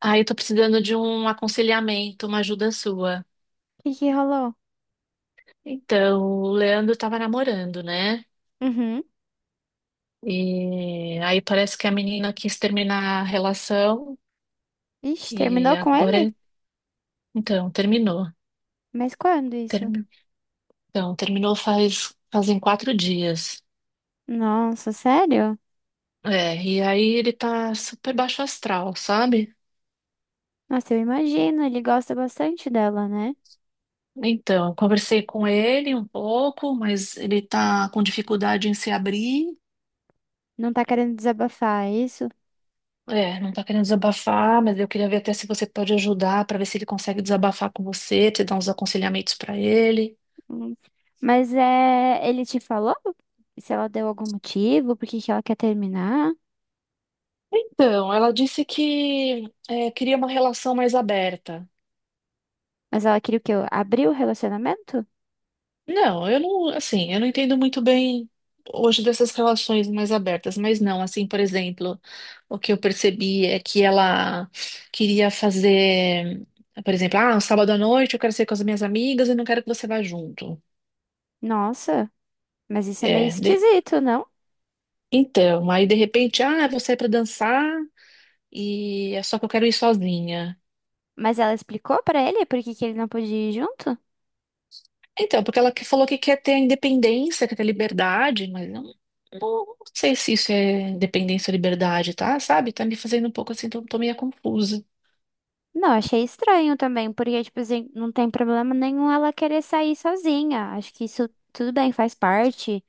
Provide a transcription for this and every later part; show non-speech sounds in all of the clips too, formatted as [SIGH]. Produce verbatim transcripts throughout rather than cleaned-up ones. Ah, eu tô precisando de um aconselhamento, uma ajuda sua. O que que rolou? Então, o Leandro tava namorando, né? Uhum. E aí parece que a menina quis terminar a relação Ixi, e terminou com agora ele? ele, então, terminou. Mas quando isso? Termi- Então, terminou faz fazem quatro dias. Nossa, sério? É, e aí ele tá super baixo astral, sabe? Nossa, eu imagino, ele gosta bastante dela, né? Então, eu conversei com ele um pouco, mas ele tá com dificuldade em se abrir. Não tá querendo desabafar, é isso? É, não tá querendo desabafar, mas eu queria ver até se você pode ajudar para ver se ele consegue desabafar com você, te dar uns aconselhamentos para ele. Hum. Mas é, ele te falou se ela deu algum motivo, por que que ela quer terminar? Então, ela disse que é, queria uma relação mais aberta. Mas ela queria o quê? Abrir o relacionamento? Não, eu não, assim, eu não entendo muito bem hoje dessas relações mais abertas, mas não, assim, por exemplo, o que eu percebi é que ela queria fazer, por exemplo, ah, um sábado à noite eu quero sair com as minhas amigas e não quero que você vá junto. Nossa, mas isso é meio É, de- esquisito, não? Então, aí de repente, ah, vou sair pra dançar e é só que eu quero ir sozinha. Mas ela explicou pra ele por que que ele não podia ir junto? Então, porque ela que- falou que quer ter a independência, quer ter liberdade, mas eu não, não sei se isso é independência ou liberdade, tá? Sabe? Tá me fazendo um pouco assim, tô, tô meio confusa. Não, achei estranho também, porque, tipo assim, não tem problema nenhum ela querer sair sozinha. Acho que isso tudo bem, faz parte.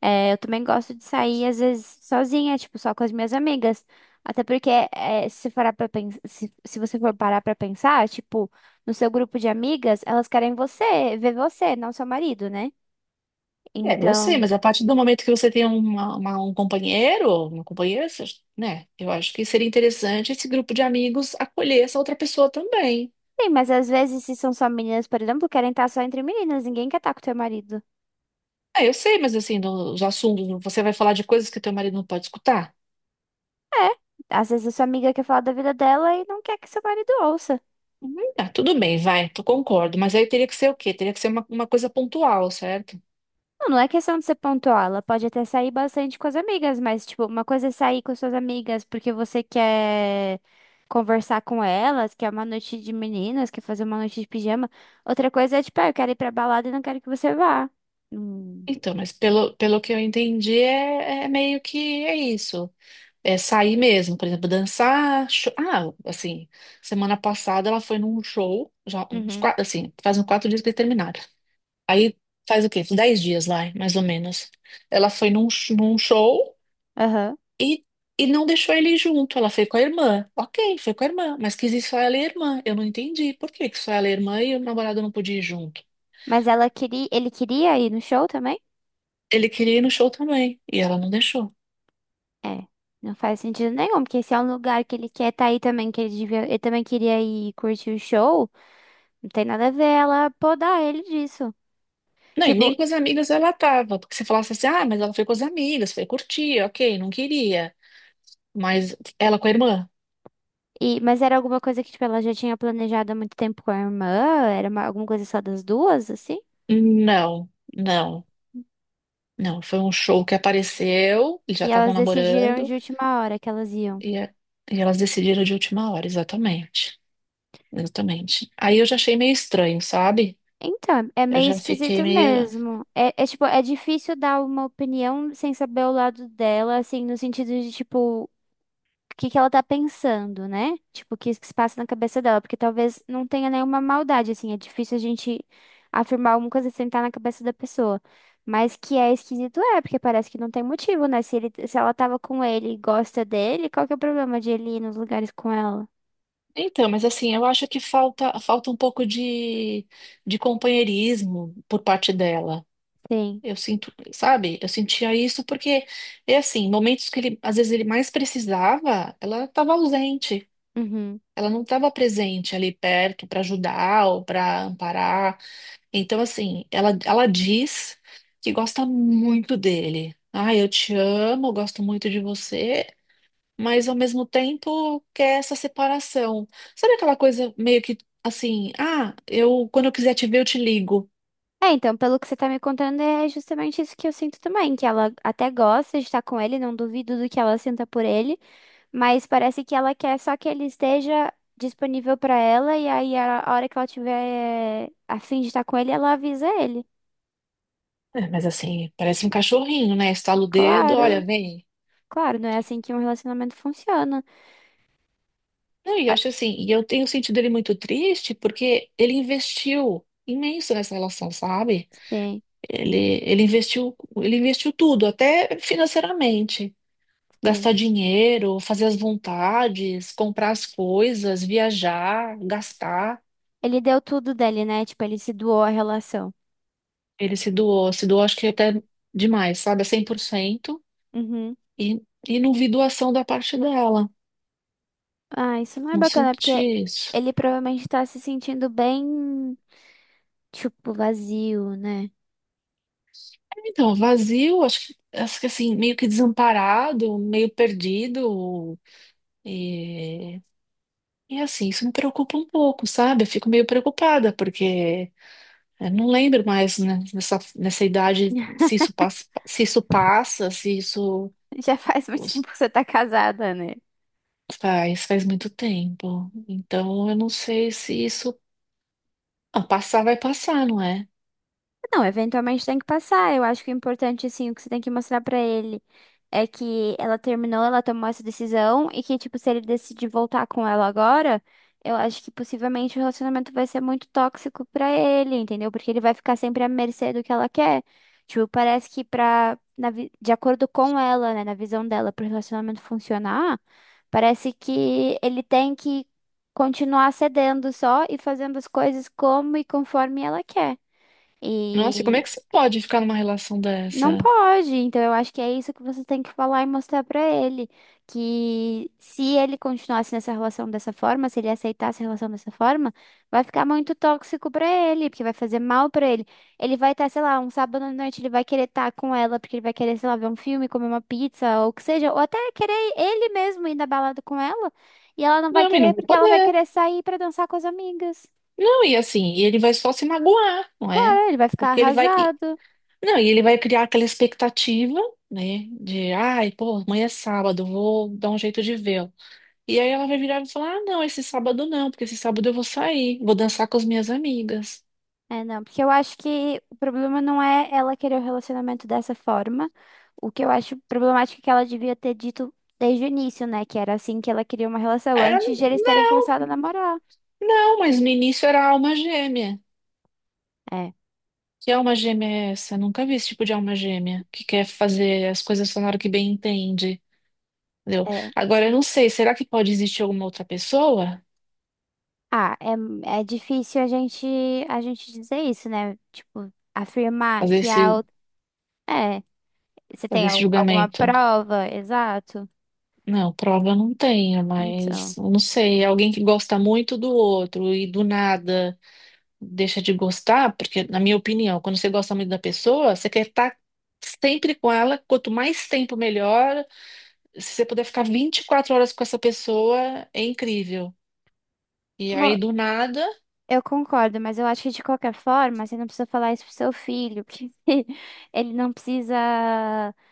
É, eu também gosto de sair, às vezes, sozinha, tipo, só com as minhas amigas. Até porque, é, se parar pra pensar, se, se você for parar pra pensar, tipo, no seu grupo de amigas, elas querem você, ver você, não seu marido, né? É, eu sei, Então, mas a partir do momento que você tem uma, uma- um companheiro, uma companheira, você- né? Eu acho que seria interessante esse grupo de amigos acolher essa outra pessoa também. sim, mas às vezes, se são só meninas, por exemplo, querem estar só entre meninas, ninguém quer estar com teu marido. É, eu sei, mas assim, no- os assuntos, você vai falar de coisas que teu marido não pode escutar? É, às vezes a sua amiga quer falar da vida dela e não quer que seu marido ouça. Tá, tudo bem, vai, tu concordo, mas aí teria que ser o quê? Teria que ser uma, uma coisa pontual, certo? Não, não é questão de ser pontuar, ela pode até sair bastante com as amigas, mas, tipo, uma coisa é sair com suas amigas porque você quer conversar com elas, quer uma noite de meninas, quer fazer uma noite de pijama. Outra coisa é, tipo, ah, eu quero ir pra balada e não quero que você vá. Hum. Então, mas pelo, pelo que eu entendi, é, é meio que é isso. É sair mesmo, por exemplo, dançar. cho- Ah, assim, semana passada ela foi num show, já uns Uhum. quatro, assim, faz uns quatro dias que eles terminaram. Aí faz o quê? Uns dez dias lá, mais ou menos. Ela foi num, sh- num show. Aham. E, e não deixou ele ir junto, ela foi com a irmã. Ok, foi com a irmã, mas quis ir só ela e a irmã. Eu não entendi por que que só ela e a irmã e o namorado não podia ir junto. Mas ela queria, ele queria ir no show também? Ele queria ir no show também, e ela não deixou. É. Não faz sentido nenhum, porque se é um lugar que ele quer estar aí também, que ele devia, ele também queria ir curtir o show. Não tem nada a ver ela podar ele disso. Não, e nem Tipo, com as amigas ela tava, porque se falasse assim, ah, mas ela foi com as amigas, foi curtir, ok, não queria. Mas ela com a irmã? e, mas era alguma coisa que, tipo, ela já tinha planejado há muito tempo com a irmã? Era uma- alguma coisa só das duas, assim? Não, não, não. Foi um show que apareceu, eles já E estavam elas decidiram namorando, de última hora que elas iam. e, a- e elas decidiram de última hora, exatamente. Exatamente. Aí eu já achei meio estranho, sabe? Então, é Eu meio já fiquei esquisito meio. mesmo. É, é, tipo, é difícil dar uma opinião sem saber o lado dela, assim, no sentido de, tipo, que que ela tá pensando, né? Tipo, o que que se passa na cabeça dela, porque talvez não tenha nenhuma maldade, assim, é difícil a gente afirmar alguma coisa sem estar na cabeça da pessoa. Mas que é esquisito é, porque parece que não tem motivo, né? Se ele, se ela tava com ele e gosta dele, qual que é o problema de ele ir nos lugares com ela? Então, mas assim, eu acho que falta, falta um pouco de, de companheirismo por parte dela. Sim. Eu sinto, sabe? Eu sentia isso porque é assim, momentos que ele, às vezes ele mais precisava, ela estava ausente. Uhum. Ela não estava presente ali perto para ajudar ou para amparar. Então, assim, ela, ela diz que gosta muito dele. Ah, eu te amo, eu gosto muito de você, mas ao mesmo tempo quer essa separação. Sabe aquela coisa meio que assim, ah, eu quando eu quiser te ver, eu te ligo. É, então, pelo que você tá me contando, é justamente isso que eu sinto também, que ela até gosta de estar com ele, não duvido do que ela sinta por ele, mas parece que ela quer só que ele esteja disponível pra ela e aí a a hora que ela tiver a fim de estar com ele, ela avisa ele. É, mas assim, parece um cachorrinho, né? Estala o dedo, olha, Claro, vem. claro, não é assim que um relacionamento funciona. Não, e eu Ah, acho assim, e eu tenho sentido ele muito triste porque ele investiu imenso nessa relação, sabe? sim, Ele, ele investiu, ele investiu tudo, até financeiramente. sim. Gastar dinheiro, fazer as vontades, comprar as coisas, viajar, gastar. Ele deu tudo dele, né? Tipo, ele se doou à relação. Ele se doou, se doou acho que até demais, sabe? É cem por cento. Uhum. E, e não vi doação da parte dela. Ah, isso não é Não bacana, senti porque isso. ele provavelmente tá se sentindo bem, tipo, vazio, né? Então, vazio, acho que, acho que assim, meio que desamparado, meio perdido. E, e assim, isso me preocupa um pouco, sabe? Eu fico meio preocupada, porque eu não lembro mais, né, nessa, nessa idade [LAUGHS] se isso passa, se isso passa, se isso Já faz muito os- tempo que você tá casada, né? faz, faz muito tempo. Então, eu não sei se isso. Ah, passar vai passar, não é? Não, eventualmente tem que passar. Eu acho que o importante, assim, o que você tem que mostrar pra ele é que ela terminou, ela tomou essa decisão e que, tipo, se ele decidir voltar com ela agora, eu acho que possivelmente o relacionamento vai ser muito tóxico pra ele, entendeu? Porque ele vai ficar sempre à mercê do que ela quer. Tipo, parece que pra, na vi- de acordo com ela, né, na visão dela, pro relacionamento funcionar, parece que ele tem que continuar cedendo só e fazendo as coisas como e conforme ela quer. Nossa, e como é E que você pode ficar numa relação não dessa? pode, então eu acho que é isso que você tem que falar e mostrar pra ele, que se ele continuasse nessa relação dessa forma, se ele aceitasse a relação dessa forma, vai ficar muito tóxico pra ele, porque vai fazer mal pra ele. Ele vai estar, sei lá, um sábado à noite, ele vai querer estar com ela, porque ele vai querer, sei lá, ver um filme, comer uma pizza, ou o que seja, ou até querer ele mesmo ir na balada com ela, e ela não vai Não, e não querer vai porque ela vai poder. querer sair pra dançar com as amigas. Não, e assim, e ele vai só se magoar, não é? Claro, ele vai ficar Porque ele vai. e- arrasado. Não, e ele vai criar aquela expectativa, né? De, ai, pô, amanhã é sábado, vou dar um jeito de vê-lo. E aí ela vai virar e falar: ah, não, esse sábado não, porque esse sábado eu vou sair, vou dançar com as minhas amigas. É, não, porque eu acho que o problema não é ela querer o relacionamento dessa forma. O que eu acho problemático é que ela devia ter dito desde o início, né? Que era assim que ela queria uma relação, É, antes de né? eles terem começado a namorar. Não, mas no início era alma gêmea. É, Que alma gêmea é essa? Nunca vi esse tipo de alma gêmea que quer fazer as coisas só na hora que bem entende. Entendeu? é. Agora, eu não sei, será que pode existir alguma outra pessoa Ah, é, é difícil a gente, a gente dizer isso, né? Tipo, afirmar fazer que a esse, outra. É, você fazer tem esse al- alguma julgamento? prova? Exato. Não, prova eu não tenho, Então. mas eu não sei. É. Alguém que gosta muito do outro e do nada deixa de gostar, porque, na minha opinião, quando você gosta muito da pessoa, você quer estar sempre com ela, quanto mais tempo melhor. Se você puder ficar vinte e quatro horas com essa pessoa, é incrível. E Bom. aí, do nada, Eu concordo, mas eu acho que de qualquer forma, você não precisa falar isso pro seu filho, porque [LAUGHS] ele não precisa.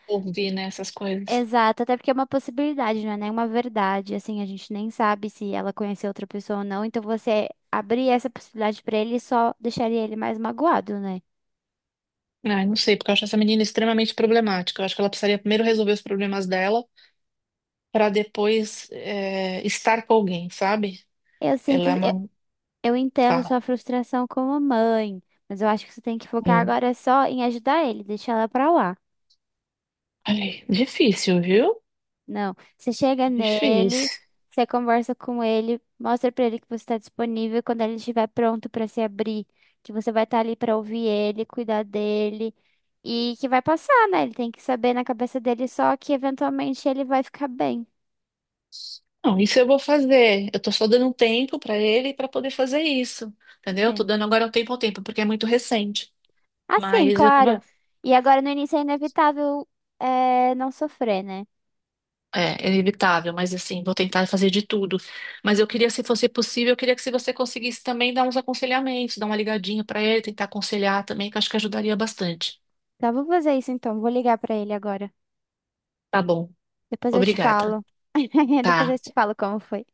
ouvi, né, essas coisas. Exato, até porque é uma possibilidade, não é nenhuma verdade. Assim, a gente nem sabe se ela conheceu outra pessoa ou não, então você abrir essa possibilidade pra ele só deixaria ele mais magoado, né? Ai, não sei, porque eu acho essa menina extremamente problemática. Eu acho que ela precisaria primeiro resolver os problemas dela para depois é, estar com alguém, sabe? Eu sinto, Ela é eu, uma. eu entendo Fala. sua frustração como mãe, mas eu acho que você tem que focar Hum. agora só em ajudar ele, deixar ela pra lá. Ai, difícil, viu? Não. Você chega Difícil. nele, você conversa com ele, mostra pra ele que você está disponível quando ele estiver pronto pra se abrir, que você vai estar ali pra ouvir ele, cuidar dele e que vai passar, né? Ele tem que saber na cabeça dele só que eventualmente ele vai ficar bem. Não, isso eu vou fazer. Eu tô só dando um tempo para ele para poder fazer isso. Entendeu? Tô Sim. dando agora um tempo ao tempo, porque é muito recente. Assim, Mas eu claro. tava. E agora no início é inevitável, é, não sofrer, né? É, é inevitável, mas assim, vou tentar fazer de tudo. Mas eu queria, se fosse possível, eu queria que se você conseguisse também dar uns aconselhamentos, dar uma ligadinha pra ele, tentar aconselhar também, que eu acho que ajudaria bastante. Tá, vou fazer isso então. Vou ligar pra ele agora. Tá bom, Depois eu te obrigada. falo. [LAUGHS] Depois Tá, eu te falo como foi.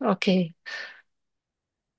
ok.